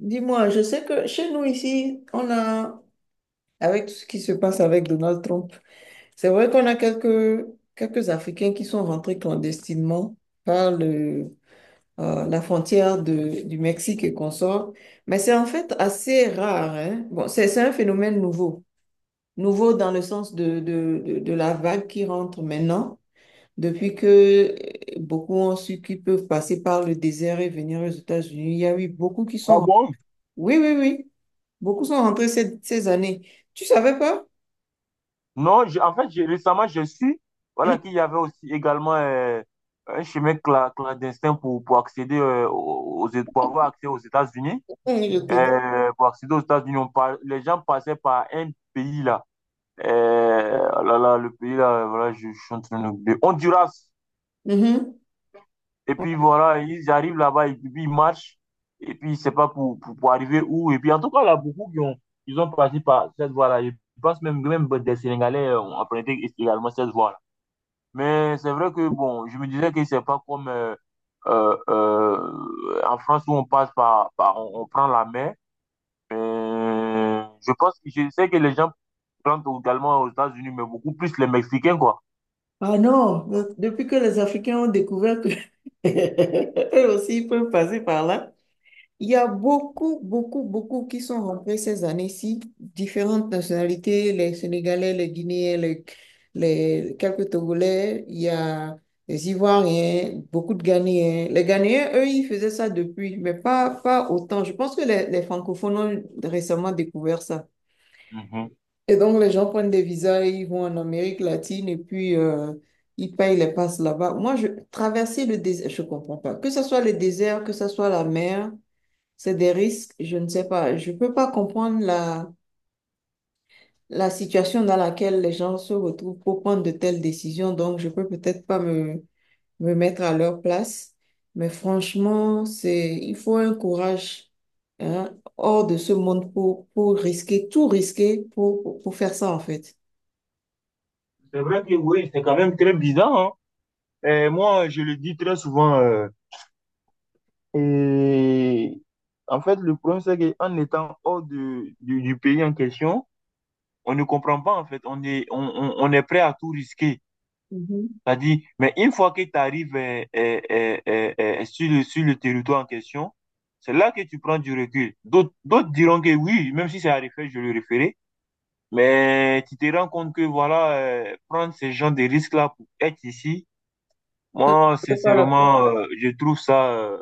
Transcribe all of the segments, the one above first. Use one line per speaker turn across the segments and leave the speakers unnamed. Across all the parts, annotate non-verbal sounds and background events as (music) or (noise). Dis-moi, je sais que chez nous ici, on a, avec tout ce qui se passe avec Donald Trump, c'est vrai qu'on a quelques Africains qui sont rentrés clandestinement par la frontière du Mexique et consort, mais c'est en fait assez rare, hein. Bon, c'est un phénomène nouveau, nouveau dans le sens de la vague qui rentre maintenant, depuis que beaucoup ont su qu'ils peuvent passer par le désert et venir aux États-Unis. Il y a eu beaucoup qui
Ah
sont...
bon?
Oui, oui, oui. Beaucoup sont rentrés ces années. Tu savais pas?
Non, récemment, j'ai su
Hum,
voilà, qu'il y avait aussi également un clandestin pour accéder pour avoir accès aux États-Unis.
Je te dis.
Pour accéder aux États-Unis, les gens passaient par un pays là. Oh là là, le pays là, voilà, je suis en train de l'oublier. Honduras.
Mhm.
Et puis voilà, ils arrivent là-bas, et puis ils marchent, et puis c'est pas pour arriver où. Et puis en tout cas, là, ils ont passé par cette voie-là. Je pense même des Sénégalais ont emprunté également cette voie-là. Mais c'est vrai que bon, je me disais que c'est pas comme en France où on passe par, par on prend la mer. Je sais que les gens prennent également aux États-Unis, mais beaucoup plus les Mexicains, quoi.
Ah non, depuis que les Africains ont découvert que (laughs) eux aussi ils peuvent passer par là, il y a beaucoup, beaucoup, beaucoup qui sont rentrés ces années-ci, différentes nationalités, les Sénégalais, les Guinéens, quelques Togolais, il y a les Ivoiriens, beaucoup de Ghanéens. Les Ghanéens, eux, ils faisaient ça depuis, mais pas autant. Je pense que les francophones ont récemment découvert ça.
Mhm.
Et donc, les gens prennent des visas et ils vont en Amérique latine et puis ils payent les passes là-bas. Traverser le désert, je comprends pas. Que ce soit le désert, que ce soit la mer, c'est des risques, je ne sais pas. Je peux pas comprendre la situation dans laquelle les gens se retrouvent pour prendre de telles décisions. Donc, je peux peut-être pas me mettre à leur place. Mais franchement, il faut un courage, hein, hors de ce monde pour risquer, tout risquer pour faire ça, en fait.
C'est vrai que oui, c'est quand même très bizarre, hein. Et moi, je le dis très souvent. Et En fait, le problème, c'est qu'en étant hors du du pays en question, on ne comprend pas, en fait. On est prêt à tout risquer.
Mhm.
C'est-à-dire, mais une fois que tu arrives sur sur le territoire en question, c'est là que tu prends du recul. D'autres diront que oui, même si c'est à refaire, je le referai. Mais tu te rends compte que, voilà, prendre ces gens de risques-là pour être ici,
Ça
moi,
ne vaut pas la peine.
sincèrement, je trouve ça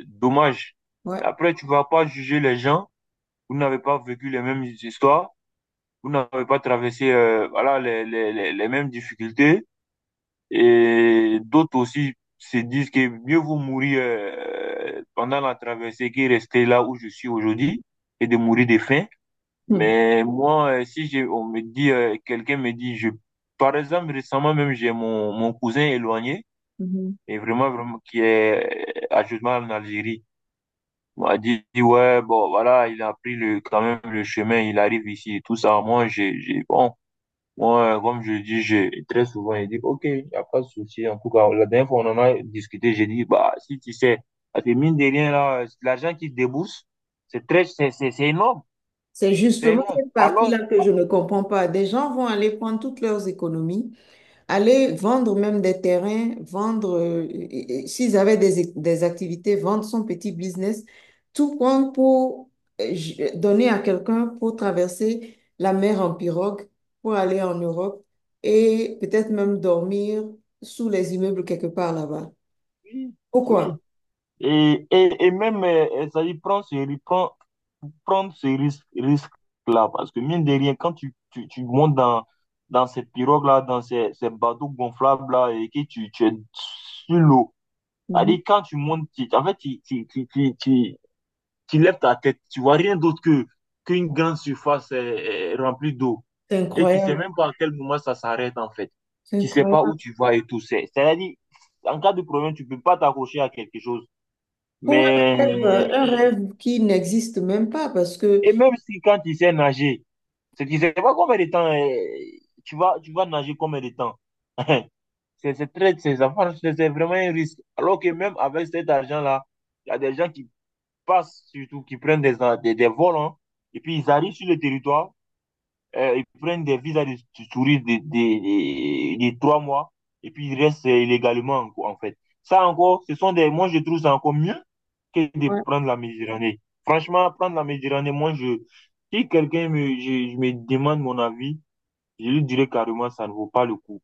dommage.
Ouais.
Après, tu vas pas juger les gens. Vous n'avez pas vécu les mêmes histoires. Vous n'avez pas traversé voilà, les mêmes difficultés. Et d'autres aussi se disent que mieux vaut mourir pendant la traversée que rester là où je suis aujourd'hui et de mourir de faim.
Hmm.
Mais moi, si j'ai, on me dit, quelqu'un me dit, par exemple, récemment même, mon cousin éloigné
Mhm.
et vraiment, vraiment, qui est à justement en Algérie. On m'a dit, ouais, bon, voilà, il a pris le, quand même, le chemin, il arrive ici et tout ça. Moi, bon, moi, comme je dis, très souvent, il dit, ok, il n'y a pas de souci. En tout cas, la dernière fois, on en a discuté, j'ai dit, bah, si tu sais, parce que mine de rien, là, l'argent qu'il débourse, c'est énorme,
C'est
c'est
justement
énorme.
cette
Alors,
partie-là que je ne comprends pas. Des gens vont aller prendre toutes leurs économies, aller vendre même des terrains, s'ils avaient des activités, vendre son petit business, tout compte pour donner à quelqu'un pour traverser la mer en pirogue, pour aller en Europe et peut-être même dormir sous les immeubles quelque part là-bas.
oui,
Pourquoi?
oui. Et, et, même, ça dit, prendre, prendre ce risque-là, parce que mine de rien, quand tu montes dans ces pirogues-là, ces bateaux gonflables-là, et que tu es sur l'eau, ça
Mhm.
dit, quand tu montes, en fait, tu lèves ta tête, tu vois rien d'autre qu'une grande surface remplie d'eau.
C'est
Et tu sais
incroyable,
même pas à quel moment ça s'arrête, en fait.
c'est
Tu sais pas
incroyable.
où tu vas et tout. C'est-à-dire, en cas de problème, tu peux pas t'accrocher à quelque chose.
Pour
Mais,
un rêve qui n'existe même pas parce que...
et même si quand tu sais nager, c'est tu sais pas combien de temps, tu vas nager combien de temps. (laughs) C'est très, c'est ça marche, c'est vraiment un risque. Alors que même avec cet argent-là, il y a des gens qui passent, surtout qui prennent des vols, hein, et puis ils arrivent sur le territoire. Ils prennent des visas touristes de trois mois et puis ils restent illégalement, quoi, en fait. Ça encore, ce sont des. Moi, je trouve ça encore mieux que de
Ouais.
prendre la Méditerranée. Franchement, prendre la Méditerranée, moi, si quelqu'un me, je me demande mon avis, je lui dirais carrément, ça ne vaut pas le coup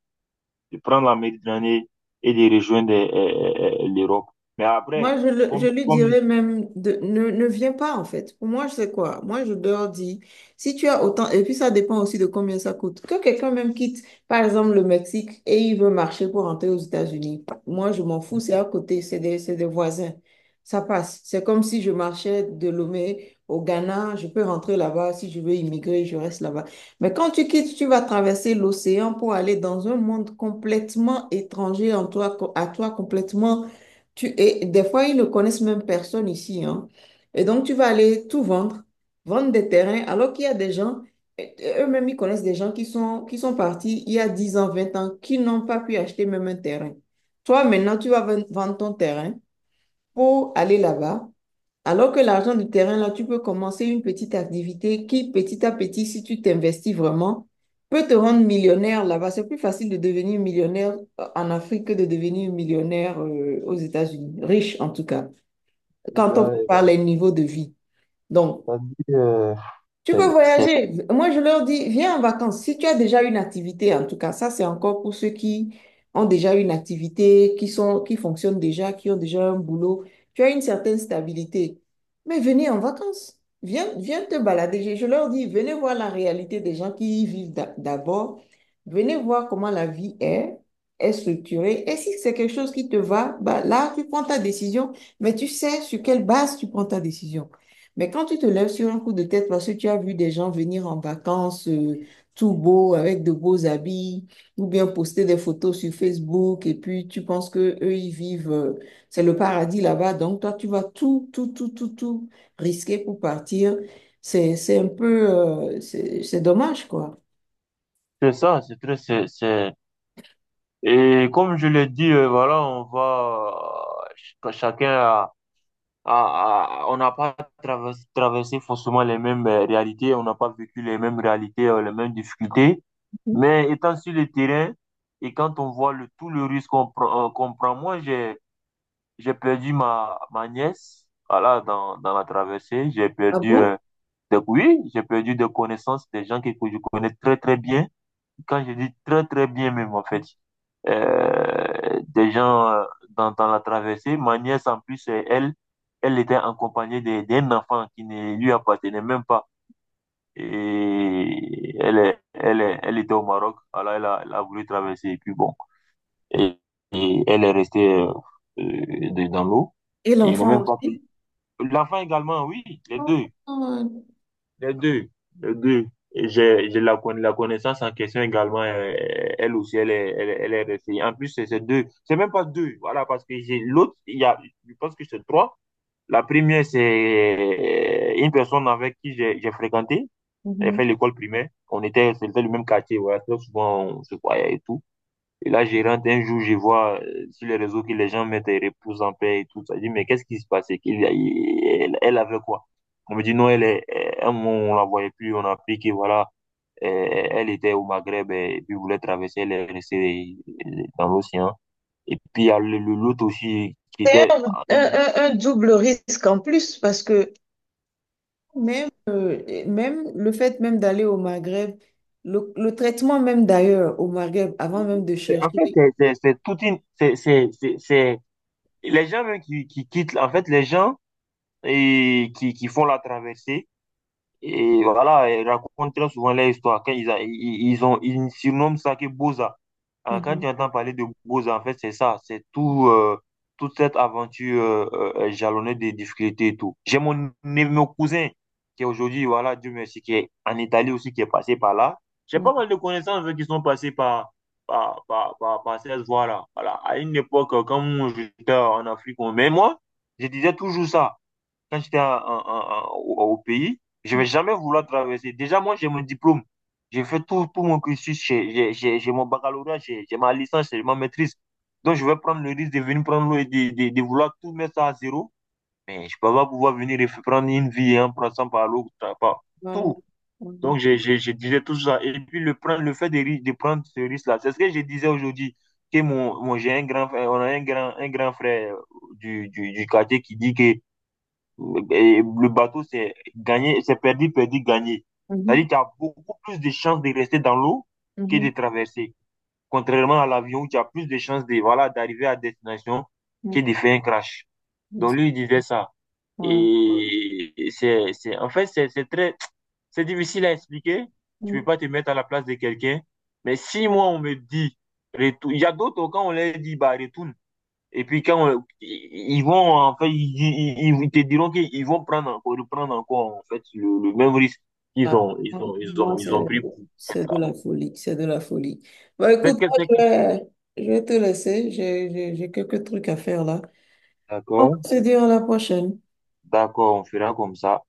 de prendre la Méditerranée et de rejoindre l'Europe. Mais
Moi,
après,
je
comme,
lui
comme,
dirais même de ne viens pas en fait. Pour moi, je sais quoi. Moi, je leur dis, si tu as autant, et puis ça dépend aussi de combien ça coûte. Que quelqu'un même quitte, par exemple, le Mexique et il veut marcher pour rentrer aux États-Unis. Moi, je m'en fous, c'est à côté, c'est des voisins. Ça passe. C'est comme si je marchais de Lomé au Ghana, je peux rentrer là-bas. Si je veux immigrer, je reste là-bas. Mais quand tu quittes, tu vas traverser l'océan pour aller dans un monde complètement étranger en toi, à toi complètement. Et des fois, ils ne connaissent même personne ici, hein. Et donc, tu vas aller tout vendre, vendre des terrains, alors qu'il y a des gens, et eux-mêmes, ils connaissent des gens qui sont partis il y a 10 ans, 20 ans, qui n'ont pas pu acheter même un terrain. Toi, maintenant, tu vas vendre ton terrain pour aller là-bas, alors que l'argent du terrain, là, tu peux commencer une petite activité qui, petit à petit, si tu t'investis vraiment, peut te rendre millionnaire là-bas. C'est plus facile de devenir millionnaire en Afrique que de devenir millionnaire aux États-Unis, riche en tout cas,
il
quand on
a
compare les niveaux de vie. Donc,
ça dit,
tu
c'est
veux
c'est
voyager? Moi, je leur dis, viens en vacances. Si tu as déjà une activité, en tout cas, ça, c'est encore pour ceux qui ont déjà une activité, qui fonctionnent déjà, qui ont déjà un boulot. Tu as une certaine stabilité. Mais venez en vacances. Viens, viens te balader. Je leur dis, venez voir la réalité des gens qui y vivent d'abord. Venez voir comment la vie est structurée. Et si c'est quelque chose qui te va, bah, là, tu prends ta décision, mais tu sais sur quelle base tu prends ta décision. Mais quand tu te lèves sur un coup de tête parce que tu as vu des gens venir en vacances, tout beau, avec de beaux habits, ou bien poster des photos sur Facebook, et puis tu penses que eux ils vivent, c'est le paradis là-bas, donc toi tu vas tout risquer pour partir. C'est un peu, C'est dommage, quoi.
c'est ça c'est très, c'est- et comme je l'ai dit, voilà, chacun on n'a pas traversé forcément les mêmes réalités, on n'a pas vécu les mêmes réalités, les mêmes difficultés.
Mhm.
Mais étant sur le terrain et quand on voit tout le risque qu'on prend, moi, j'ai perdu ma nièce, voilà, dans la traversée, j'ai
Ah
perdu,
bon?
oui, j'ai perdu des connaissances, des gens que je connais très, très bien quand je dis très très bien même en fait, euh, des gens euh, dans la traversée, ma nièce en plus, elle était accompagnée d'un enfant qui ne lui appartenait même pas. Et elle était au Maroc, alors elle a voulu traverser et puis bon, et, et elle est restée dans l'eau.
Et
Ils n'ont
l'enfant
même pas
aussi?
pris. L'enfant également, oui, les
Oh,
deux.
euh,
Les deux, les deux. Et j'ai, la connaissance en question également, elle aussi, elle est restée. En plus, c'est même pas deux, voilà, parce que j'ai l'autre, il y a, je pense que c'est trois. La première, c'est une personne avec qui j'ai fréquenté, elle
Mhm.
fait l'école primaire. On était, c'était le même quartier, voilà, très souvent, on se voyait et tout. Et là, gérante, un jour, je vois sur les réseaux que les gens mettent les repousse en paix et tout ça. Je dis, mais qu'est-ce qui se passait? Qu'il y a- il- elle, elle avait quoi? On me dit, non, elle est, un moment, on la voyait plus, on a appris que voilà, elle était au Maghreb et puis voulait traverser, elle est restée dans l'océan. Et puis, il y a l'autre aussi qui était.
Un, un double risque en plus parce que... Même, et même le fait même d'aller au Maghreb, le traitement même d'ailleurs au Maghreb, avant même de
En
chercher,
fait, c'est toute une. Les gens même qui quittent, en fait, les gens et qui font la traversée. Et voilà, ils racontent très souvent leur histoire. Quand ils, a- ils, ils ont, ils surnomment ça que Boza. Hein, quand
Mhm,
tu entends parler de Boza, en fait, c'est ça. C'est tout, toute cette aventure jalonnée de difficultés et tout. J'ai mon cousin qui est aujourd'hui, voilà, Dieu merci, qui est en Italie aussi, qui est passé par là. J'ai pas
mhm,
mal de connaissances eux, qui sont passés par cette voie-là. Voilà. À une époque, quand moi, j'étais en Afrique, mais moi, je disais toujours ça quand j'étais en- en- en- au, au pays, je vais jamais vouloir traverser. Déjà, moi, j'ai mon diplôme. J'ai fait tout, tout mon cursus. J'ai mon baccalauréat, j'ai ma licence, j'ai ma maîtrise. Donc, je vais prendre le risque de venir prendre l'eau et de vouloir tout mettre ça à zéro. Mais je peux pas pouvoir venir et prendre une vie en passant par l'autre, par
voilà.
tout.
Mhm,
Donc, je disais tout ça. Et puis, le, prendre, le fait de, ri- de prendre ce risque-là, c'est ce que je disais aujourd'hui. Que mon, j'ai un grand frère, on a un un grand frère du quartier qui dit que et le bateau, c'est gagner, c'est perdu, perdu, gagné.
mhm,
C'est-à-dire que tu as beaucoup plus de chances de rester dans l'eau que
mhm,
de traverser. Contrairement à l'avion, où tu as plus de chances de, voilà, d'arriver à destination que de faire un crash. Donc
mhm.
lui, il disait ça.
Ouais.
Et c'est très, c'est difficile à expliquer. Tu peux pas te mettre à la place de quelqu'un. Mais si moi, on me dit, retourne, il y a d'autres, quand on leur dit, bah, retourne, et puis quand ils vont, en fait, ils te diront qu'ils vont prendre encore, reprendre encore, en fait, le même risque qu'ils
Ah,
ont, ils
pour
ont, ils
moi,
ont, ils
c'est...
ont pris pour être
C'est de
là.
la folie, c'est de la folie. Bah, écoute,
Peut-être que
moi,
c'est-
je vais te laisser, j'ai quelques trucs à faire là. On
D'accord,
va se dire à la prochaine.
d'accord, on fera comme ça.